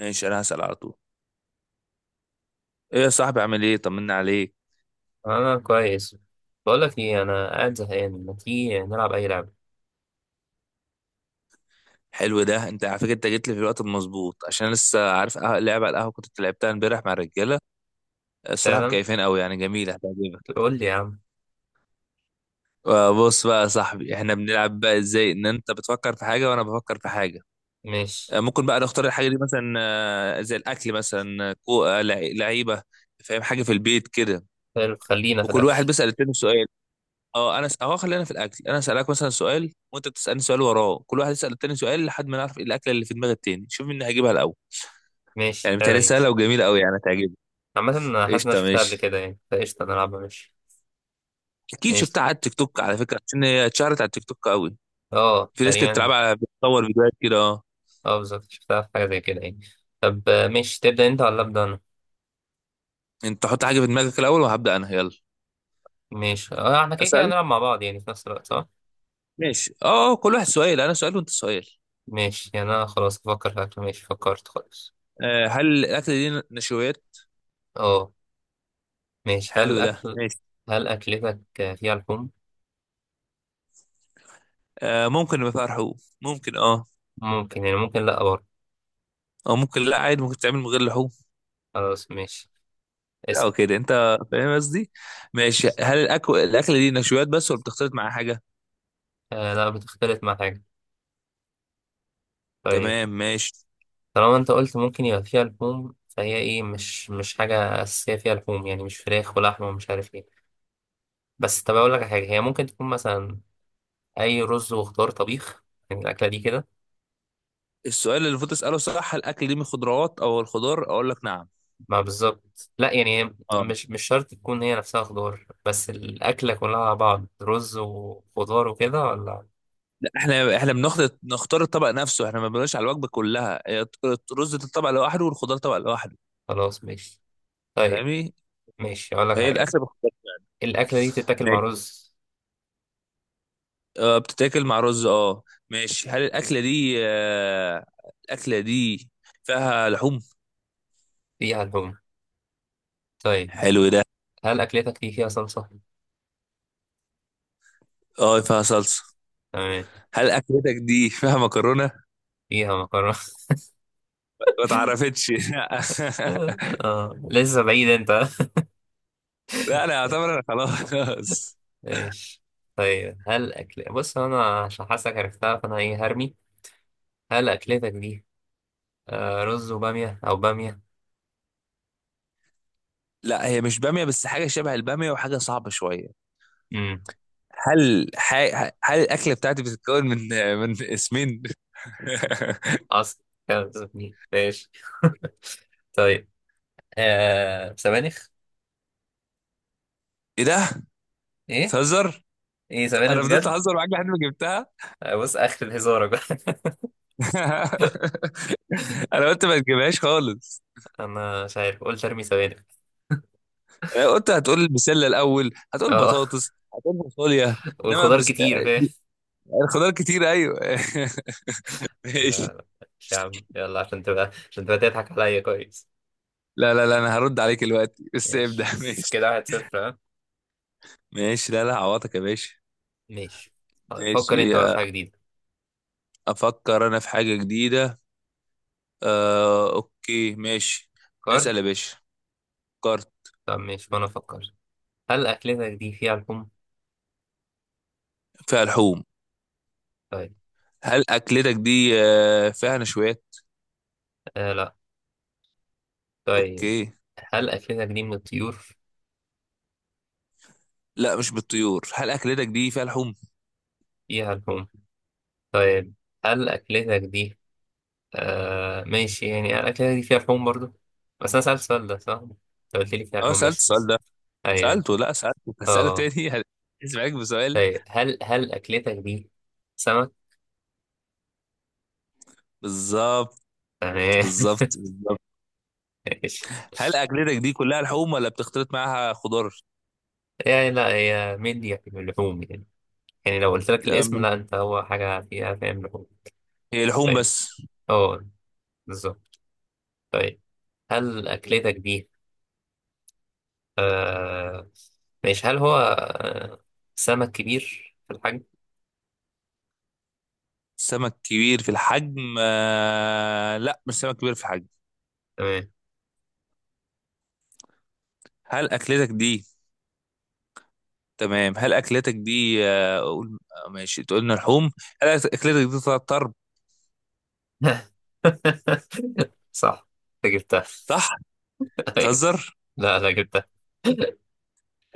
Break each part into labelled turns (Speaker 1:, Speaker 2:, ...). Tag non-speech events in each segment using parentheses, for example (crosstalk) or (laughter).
Speaker 1: ماشي، انا هسأل على طول. ايه يا صاحبي، عامل ايه؟ طمنا عليك.
Speaker 2: انا كويس. بقول لك ايه، انا قاعد زهقان، ما تيجي نلعب اي لعبه؟
Speaker 1: حلو ده. انت على فكره انت جيت لي في الوقت المظبوط عشان لسه عارف لعبه على القهوه كنت لعبتها امبارح مع الرجاله. الصراحه
Speaker 2: فعلا.
Speaker 1: مكيفين قوي، يعني جميله هتعجبك.
Speaker 2: قول لي يا عم.
Speaker 1: بص بقى يا صاحبي، احنا بنلعب بقى ازاي؟ ان انت بتفكر في حاجه وانا بفكر في حاجه.
Speaker 2: ماشي.
Speaker 1: ممكن بقى نختار الحاجه دي مثلا زي الاكل مثلا، لعيبه، فاهم؟ حاجه في البيت كده.
Speaker 2: حلو، خلينا في
Speaker 1: وكل واحد
Speaker 2: الاكل.
Speaker 1: بيسأل التاني سؤال. اه انا س... اه خلينا في الاكل. انا اسالك مثلا سؤال وانت بتسالني سؤال وراه، كل واحد يسال التاني سؤال لحد ما نعرف إيه الاكله اللي في دماغ التاني. شوف مين هيجيبها الاول.
Speaker 2: ماشي،
Speaker 1: يعني
Speaker 2: حلو
Speaker 1: بتهيألي
Speaker 2: دي.
Speaker 1: سهله وجميله قوي، يعني هتعجبك.
Speaker 2: عامه انا حاسس ان انا
Speaker 1: قشطه
Speaker 2: شفتها قبل
Speaker 1: ماشي.
Speaker 2: كده يعني، فقشطه نلعبها ماشي.
Speaker 1: اكيد
Speaker 2: ماشي.
Speaker 1: شفتها على التيك توك على فكره، عشان هي اتشهرت على التيك توك قوي.
Speaker 2: اه
Speaker 1: في ناس كانت
Speaker 2: تقريبا.
Speaker 1: بتلعبها على بتصور فيديوهات كده اه.
Speaker 2: اه بالظبط، شفتها في حاجه زي كده يعني. طب ماشي، تبدا انت ولا ابدا انا؟
Speaker 1: انت حط حاجه في دماغك الاول وهبدا انا، يلا
Speaker 2: ماشي اه، احنا كده كده
Speaker 1: اسال.
Speaker 2: هنلعب مع بعض يعني في نفس الوقت، صح؟
Speaker 1: ماشي اه، كل واحد سؤال، انا سؤال وانت سؤال.
Speaker 2: ماشي يعني، انا خلاص افكر في اكل، ماشي فكرت خالص.
Speaker 1: آه، هل الاكله دي نشويات؟
Speaker 2: اه. ماشي، هل
Speaker 1: حلو ده
Speaker 2: اكل؟
Speaker 1: ماشي.
Speaker 2: هل اكلتك فيها لحوم؟
Speaker 1: آه ممكن يبقى فيها لحوم، ممكن اه.
Speaker 2: ممكن يعني، ممكن لا برضه.
Speaker 1: او ممكن لا، عادي ممكن تعمل من غير لحوم.
Speaker 2: خلاص ماشي.
Speaker 1: لا
Speaker 2: اسأل.
Speaker 1: وكده انت فاهم قصدي. ماشي، هل الاكل الاكله دي نشويات بس ولا بتختلط معاها حاجه؟
Speaker 2: آه لا، بتختلف مع حاجة. طيب.
Speaker 1: تمام ماشي.
Speaker 2: طالما انت قلت ممكن يبقى فيها لحوم، فهي ايه، مش حاجة أساسية فيها لحوم يعني، مش فراخ ولحمة ومش عارف ايه. بس طب، أقول لك على حاجة هي ممكن تكون مثلا أي رز وخضار طبيخ، يعني الأكلة دي كده.
Speaker 1: السؤال اللي المفروض تساله صح هل الاكل دي من خضروات؟ او الخضار اقول لك نعم.
Speaker 2: ما بالظبط، لا يعني هي
Speaker 1: اه
Speaker 2: مش شرط تكون هي نفسها خضار، بس الأكلة كلها على بعض رز وخضار وكده ولا؟
Speaker 1: لا، احنا بناخد نختار الطبق نفسه، احنا ما بنقولش على الوجبه كلها. هي رز الطبق لوحده والخضار طبق لوحده.
Speaker 2: خلاص ماشي. طيب.
Speaker 1: فاهمني؟
Speaker 2: ماشي، أقول لك
Speaker 1: فهي
Speaker 2: حاجة.
Speaker 1: الاكله بخضار.
Speaker 2: الأكلة دي تتاكل مع
Speaker 1: ماشي
Speaker 2: رز.
Speaker 1: اه، بتتاكل مع رز اه. ماشي، هل الاكله دي آه الاكله دي فيها لحوم؟
Speaker 2: فيها لحوم. طيب،
Speaker 1: حلو ده.
Speaker 2: هل أكلتك دي فيها صلصة؟
Speaker 1: اه فيها صلصه.
Speaker 2: تمام.
Speaker 1: هل اكلتك دي فيها مكرونه؟
Speaker 2: فيها مكرونة. (laughs)
Speaker 1: ما اتعرفتش (laughs)
Speaker 2: آه لسه بعيد أنت. (laughs)
Speaker 1: لا انا اعتبر انا خلاص.
Speaker 2: ماشي. طيب هل أكل، بص أنا عشان حاسك عرفتها فأنا إيه هرمي. هل أكلتك دي رز وبامية أو بامية؟
Speaker 1: لا هي مش باميه، بس حاجه شبه الباميه وحاجه صعبه شويه.
Speaker 2: امم.
Speaker 1: هل الاكله بتاعتي بتتكون من اسمين؟ (laughs)
Speaker 2: أصل كانت بتزبني. ماشي. (laughs) طيب. آه سبانخ.
Speaker 1: ايه ده؟
Speaker 2: إيه؟
Speaker 1: بتهزر.
Speaker 2: إيه سبانخ
Speaker 1: انا فضلت
Speaker 2: بجد؟
Speaker 1: اهزر معاك لحد ما جبتها.
Speaker 2: بص آخر الهزارة بقى. (laughs)
Speaker 1: (laughs) انا قلت ما تجيبهاش خالص.
Speaker 2: أنا مش عارف قلت أرمي سبانخ.
Speaker 1: انا قلت هتقول البسله الاول، هتقول
Speaker 2: أه.
Speaker 1: بطاطس، هتقول فاصوليا.
Speaker 2: (laughs)
Speaker 1: انما
Speaker 2: والخضار
Speaker 1: بس...
Speaker 2: كتير فاهم.
Speaker 1: الخضار كتير ايوه (laughs) ماشي.
Speaker 2: آه، مش يا عم، يلا عشان تبقى تضحك عليا كويس.
Speaker 1: لا لا لا، انا هرد عليك دلوقتي بس ابدأ.
Speaker 2: ماشي
Speaker 1: (laughs)
Speaker 2: بس
Speaker 1: ماشي
Speaker 2: كده واحد صفر ها.
Speaker 1: ماشي. لا لا عوضك يا باشا.
Speaker 2: ماشي. طيب، فكر
Speaker 1: ماشي،
Speaker 2: انت بقى في حاجة جديدة.
Speaker 1: افكر انا في حاجة جديدة. آه اوكي ماشي.
Speaker 2: فكرت.
Speaker 1: اسأل يا باشا. فكرت.
Speaker 2: طب ماشي، وانا افكر. هل أكلتك دي فيها لحوم؟
Speaker 1: فيها لحوم.
Speaker 2: طيب.
Speaker 1: هل اكلتك دي فيها نشويات؟
Speaker 2: آه لا. طيب،
Speaker 1: اوكي.
Speaker 2: هل أكلتك دي من الطيور؟
Speaker 1: لا مش بالطيور. هل اكلتك دي فيها لحوم؟
Speaker 2: فيها لحوم. طيب. هل أكلتك دي. ماشي يعني، هل أكلتك دي فيها لحوم برضو؟ بس أنا سألت السؤال ده صح؟ انت قلت لي فيها
Speaker 1: اه
Speaker 2: لحوم
Speaker 1: سألت
Speaker 2: ماشي.
Speaker 1: السؤال ده.
Speaker 2: أيوه أيوه.
Speaker 1: سألته؟ لا سألته، هسأله
Speaker 2: اه.
Speaker 1: تاني. (laughs) اسمعك بسؤال.
Speaker 2: طيب، هل أكلتك دي سمك؟
Speaker 1: بالظبط
Speaker 2: تمام.
Speaker 1: بالظبط بالظبط.
Speaker 2: (laughs) ماشي.
Speaker 1: هل اكلتك دي كلها لحوم ولا بتختلط معاها خضار؟
Speaker 2: يعني لا، هي مندي يعني، من اللحوم يعني. يعني لو قلت لك
Speaker 1: آه،
Speaker 2: الاسم،
Speaker 1: من-
Speaker 2: لا انت هو حاجة فيها فاهم لحوم.
Speaker 1: هي لحوم
Speaker 2: طيب.
Speaker 1: بس.
Speaker 2: اه. بالظبط. طيب. هل أكلتك دي آه ماشي، هل هو سمك كبير في الحجم؟
Speaker 1: سمك كبير في الحجم؟ آه لا، مش سمك كبير في الحجم.
Speaker 2: تمام.
Speaker 1: هل اكلتك دي تمام هل اكلتك دي آه، اقول آه، ماشي تقولنا لحوم. هل اكلتك دي طلعت طرب؟
Speaker 2: (laughs) صح. انت جبتها.
Speaker 1: صح.
Speaker 2: (laughs) أيوة.
Speaker 1: تهزر.
Speaker 2: لا لا، جبتها. (laughs)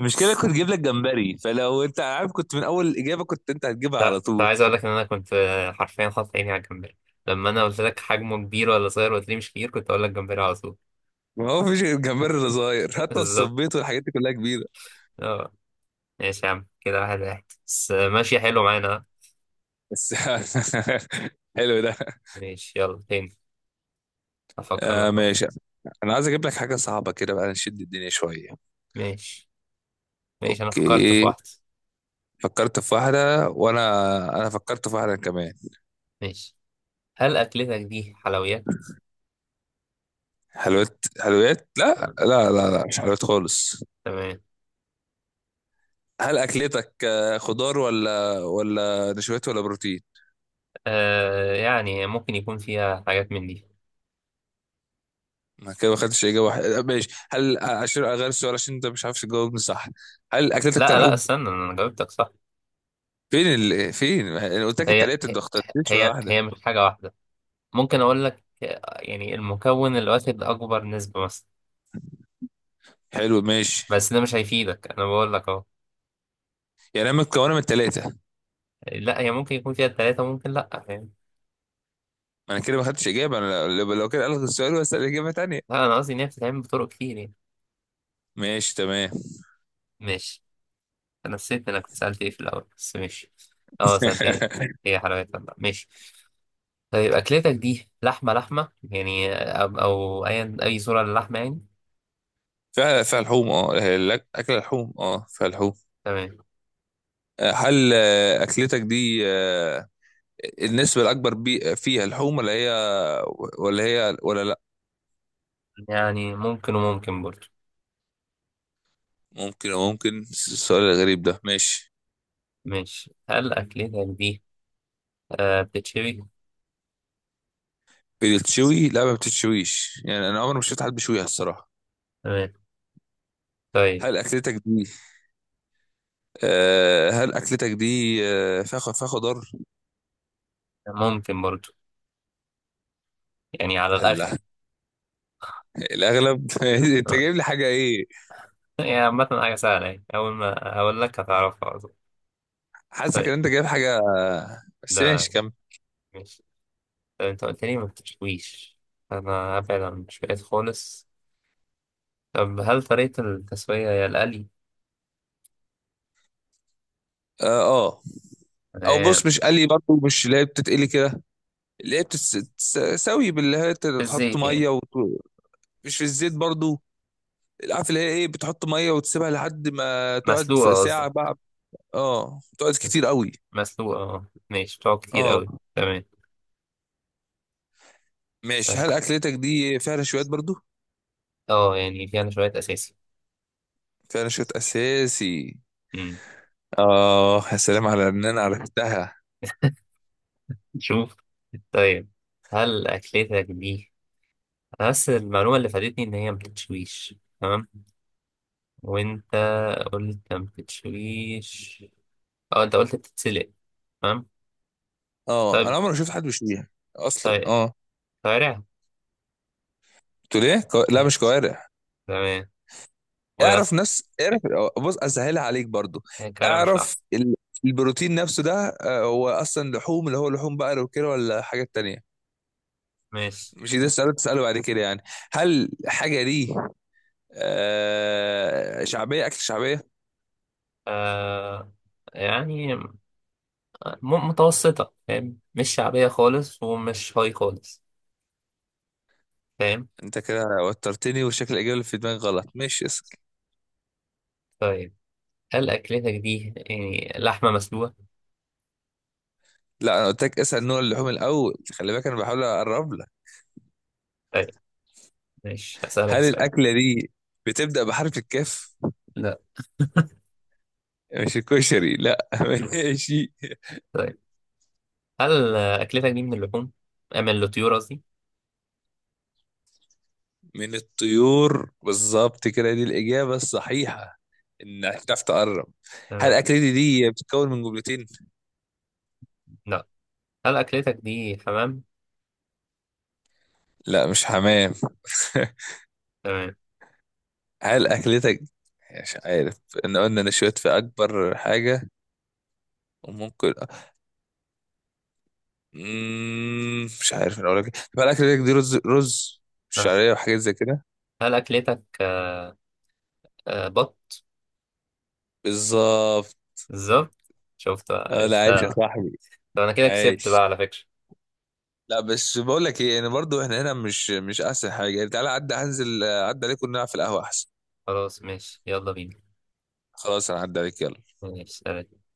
Speaker 1: المشكله كنت جايب لك جمبري، فلو انت عارف كنت من اول الاجابه كنت انت هتجيبها على
Speaker 2: لا، كنت
Speaker 1: طول.
Speaker 2: عايز اقول لك ان انا كنت حرفيا حاطط عيني على الجمبري. لما انا قلت لك حجمه كبير ولا صغير وقلت لي مش كبير، كنت اقول لك جمبري على طول.
Speaker 1: ما هو فيش غير الجمبري اللي صغير،
Speaker 2: (laughs)
Speaker 1: حتى
Speaker 2: بالظبط.
Speaker 1: الصبيط والحاجات دي كلها كبيره.
Speaker 2: اه. ماشي يا عم، كده واحد واحد بس، ماشي حلو معانا.
Speaker 1: بس (laughs) حلو ده.
Speaker 2: ماشي يلا تاني. أفكر
Speaker 1: آه
Speaker 2: لك واحدة.
Speaker 1: ماشي. انا عايز اجيب لك حاجه صعبه كده بقى، نشد الدنيا شويه.
Speaker 2: ماشي. ماشي، أنا فكرت في
Speaker 1: اوكي.
Speaker 2: واحدة.
Speaker 1: فكرت في واحدة أنا فكرت في واحدة كمان.
Speaker 2: ماشي، هل أكلتك دي حلويات؟
Speaker 1: حلويات؟ حلويات لا
Speaker 2: آه.
Speaker 1: لا لا لا، مش حلويات خالص.
Speaker 2: تمام.
Speaker 1: هل أكلتك خضار ولا نشويات ولا بروتين؟
Speaker 2: آه، يعني ممكن يكون فيها حاجات من دي.
Speaker 1: أنا كده ما خدتش إجابة واحدة. ماشي هل عشان أغير السؤال عشان أنت مش عارف تجاوبني صح، هل أكلتك فيها
Speaker 2: لا لا،
Speaker 1: لحوم؟
Speaker 2: استنى أنا جاوبتك صح.
Speaker 1: فين ال... فين؟ أنا قلت لك
Speaker 2: هي
Speaker 1: التلاتة أنت
Speaker 2: هي.
Speaker 1: ما اخترتش ولا
Speaker 2: هي
Speaker 1: واحدة.
Speaker 2: هي مش حاجة واحدة. ممكن أقول لك، يعني المكون اللي واخد أكبر نسبة مثلا.
Speaker 1: حلو ماشي،
Speaker 2: بس ده مش هيفيدك، أنا بقول لك أهو.
Speaker 1: يعني أنا متكونة من التلاتة؟
Speaker 2: لا، هي ممكن يكون فيها التلاتة، ممكن لا، فاهم.
Speaker 1: ما أنا كده ما خدتش إجابة. أنا لو كده ألغي السؤال وأسأل إجابة تانية.
Speaker 2: لا، أنا قصدي إن هي بتتعمل بطرق كتير يعني.
Speaker 1: ماشي تمام.
Speaker 2: ماشي. انا نسيت انا كنت سألت ايه في الاول، بس ماشي. اه، سألت ايه.
Speaker 1: (laughs)
Speaker 2: ايه حلاوتها بقى، ماشي. طيب، اكلتك دي لحمة لحمة يعني، أو اي صورة للحمة يعني.
Speaker 1: فيها لحوم اه، اكل لحوم، اه فيها لحوم.
Speaker 2: تمام.
Speaker 1: آه، هل آه، اكلتك دي النسبه الاكبر بي فيها لحوم ولا هي ولا هي ولا لا؟
Speaker 2: يعني ممكن وممكن برضه.
Speaker 1: ممكن ممكن، السؤال الغريب ده ماشي.
Speaker 2: ماشي، هل اكلتك دي بتتشوي؟
Speaker 1: بتتشوي؟ لا ما بتتشويش، يعني انا عمري ما شفت حد بيشويها الصراحه.
Speaker 2: تمام. طيب.
Speaker 1: هل اكلتك دي آه هل اكلتك دي فيها خضار.
Speaker 2: ممكن برضه، يعني على الاغلب.
Speaker 1: الله، الاغلب. (laughs) انت
Speaker 2: آه.
Speaker 1: جايب لي حاجه ايه.
Speaker 2: يعني عامة حاجة سهلة يعني، اول ما اقول لك هتعرفها على طول.
Speaker 1: حاسك ان
Speaker 2: طيب.
Speaker 1: انت جايب حاجه، بس
Speaker 2: لا.
Speaker 1: ماشي كمل.
Speaker 2: ماشي. طيب، انت قلت لي ما بتتشويش. انا هبعد عن المشويات خالص. طب هل طريقة التسوية هي القلي؟
Speaker 1: اه آه. او
Speaker 2: تمام.
Speaker 1: بص مش قلي برضه، مش اللي هي بتتقلي كده. اللي هي بتتساوي باللي هي تحط
Speaker 2: بالزيت يعني.
Speaker 1: ميه وت... مش في الزيت برضه. عارف اللي هي ايه بتحط ميه وتسيبها لحد ما تقعد في
Speaker 2: مسلوقة
Speaker 1: ساعه
Speaker 2: قصدك.
Speaker 1: بقى. اه تقعد كتير
Speaker 2: بس-
Speaker 1: قوي.
Speaker 2: مسلوقة اه ماشي، بتقعد كتير
Speaker 1: اه
Speaker 2: قوي، تمام.
Speaker 1: ماشي،
Speaker 2: بس
Speaker 1: هل اكلتك دي فيها نشويات برضه؟
Speaker 2: اه، يعني فيها شوية أساسي.
Speaker 1: فيها نشويات اساسي.
Speaker 2: مم.
Speaker 1: اه يا سلام على ان انا عرفتها.
Speaker 2: شوف. طيب. هل أكلتك دي، بس المعلومة اللي فادتني إن هي مبتتشويش، تمام. وأنت قلت مبتتشويش. اه أنت قلت بتتسلق. تمام.
Speaker 1: اه انا
Speaker 2: طيب.
Speaker 1: عمري ما شفت حد بيشويها اصلا
Speaker 2: طيب.
Speaker 1: اه.
Speaker 2: طيب.
Speaker 1: قلت ليه كو... لا مش كوارع.
Speaker 2: تمام. وهي
Speaker 1: اعرف
Speaker 2: أصلا
Speaker 1: نفس اعرف، بص اسهلها عليك برضو.
Speaker 2: كرم مش
Speaker 1: اعرف
Speaker 2: لحظة.
Speaker 1: ال- البروتين نفسه ده، هو اصلا لحوم؟ اللي هو لحوم بقر وكده ولا حاجات تانية؟
Speaker 2: ماشي.
Speaker 1: مش ده السؤال اللي تسأله بعد كده يعني. هل حاجة دي آه شعبية؟ أكل شعبية؟
Speaker 2: آه يعني متوسطة فاهم، مش شعبية خالص ومش هاي خالص. فاهم.
Speaker 1: أنت كده وترتني وشكل الإجابة اللي في دماغي غلط. ماشي اسأل.
Speaker 2: طيب، هل أكلتك دي يعني لحمة مسلوقة؟
Speaker 1: لا أنا قلت لك اسأل نوع اللحوم الأول، خلي بالك أنا بحاول أقرب لك.
Speaker 2: طيب، ماشي
Speaker 1: هل
Speaker 2: هسألك سؤال.
Speaker 1: الأكلة دي بتبدأ بحرف الكاف؟
Speaker 2: لا.
Speaker 1: مش الكشري لا. (laughs) ماشي.
Speaker 2: طيب، هل أكلتك دي من اللحوم؟ من الطيور قصدي؟
Speaker 1: من الطيور بالظبط كده، دي الإجابة الصحيحة، إنك تعرف تقرب. هل
Speaker 2: تمام.
Speaker 1: أكلتي دي بتتكون من جملتين؟
Speaker 2: لا. هل أكلتك دي حمام؟
Speaker 1: لا مش حمام.
Speaker 2: تمام.
Speaker 1: (laughs) هل أكلتك؟ مش عارف. إن قلنا نشويت في أكبر حاجة وممكن، مم... مش عارف أنا أقول لك إيه. طب هل أكلتك دي رز
Speaker 2: لا.
Speaker 1: شعرية وحاجات زي كده؟
Speaker 2: هل أكلتك بط؟
Speaker 1: بالظبط.
Speaker 2: بالظبط. شفت بقى،
Speaker 1: اه لا عايش يا
Speaker 2: عرفتها.
Speaker 1: صاحبي.
Speaker 2: طب أنا كده كسبت
Speaker 1: عايش.
Speaker 2: بقى على فكرة.
Speaker 1: لا بس بقول لك ايه، انا برضو احنا هنا مش احسن حاجه، يعني تعالى عدى هنزل، عدى عليكم نلعب في القهوه احسن.
Speaker 2: خلاص ماشي، يلا بينا.
Speaker 1: خلاص انا عدى عليك يلا.
Speaker 2: ماشي.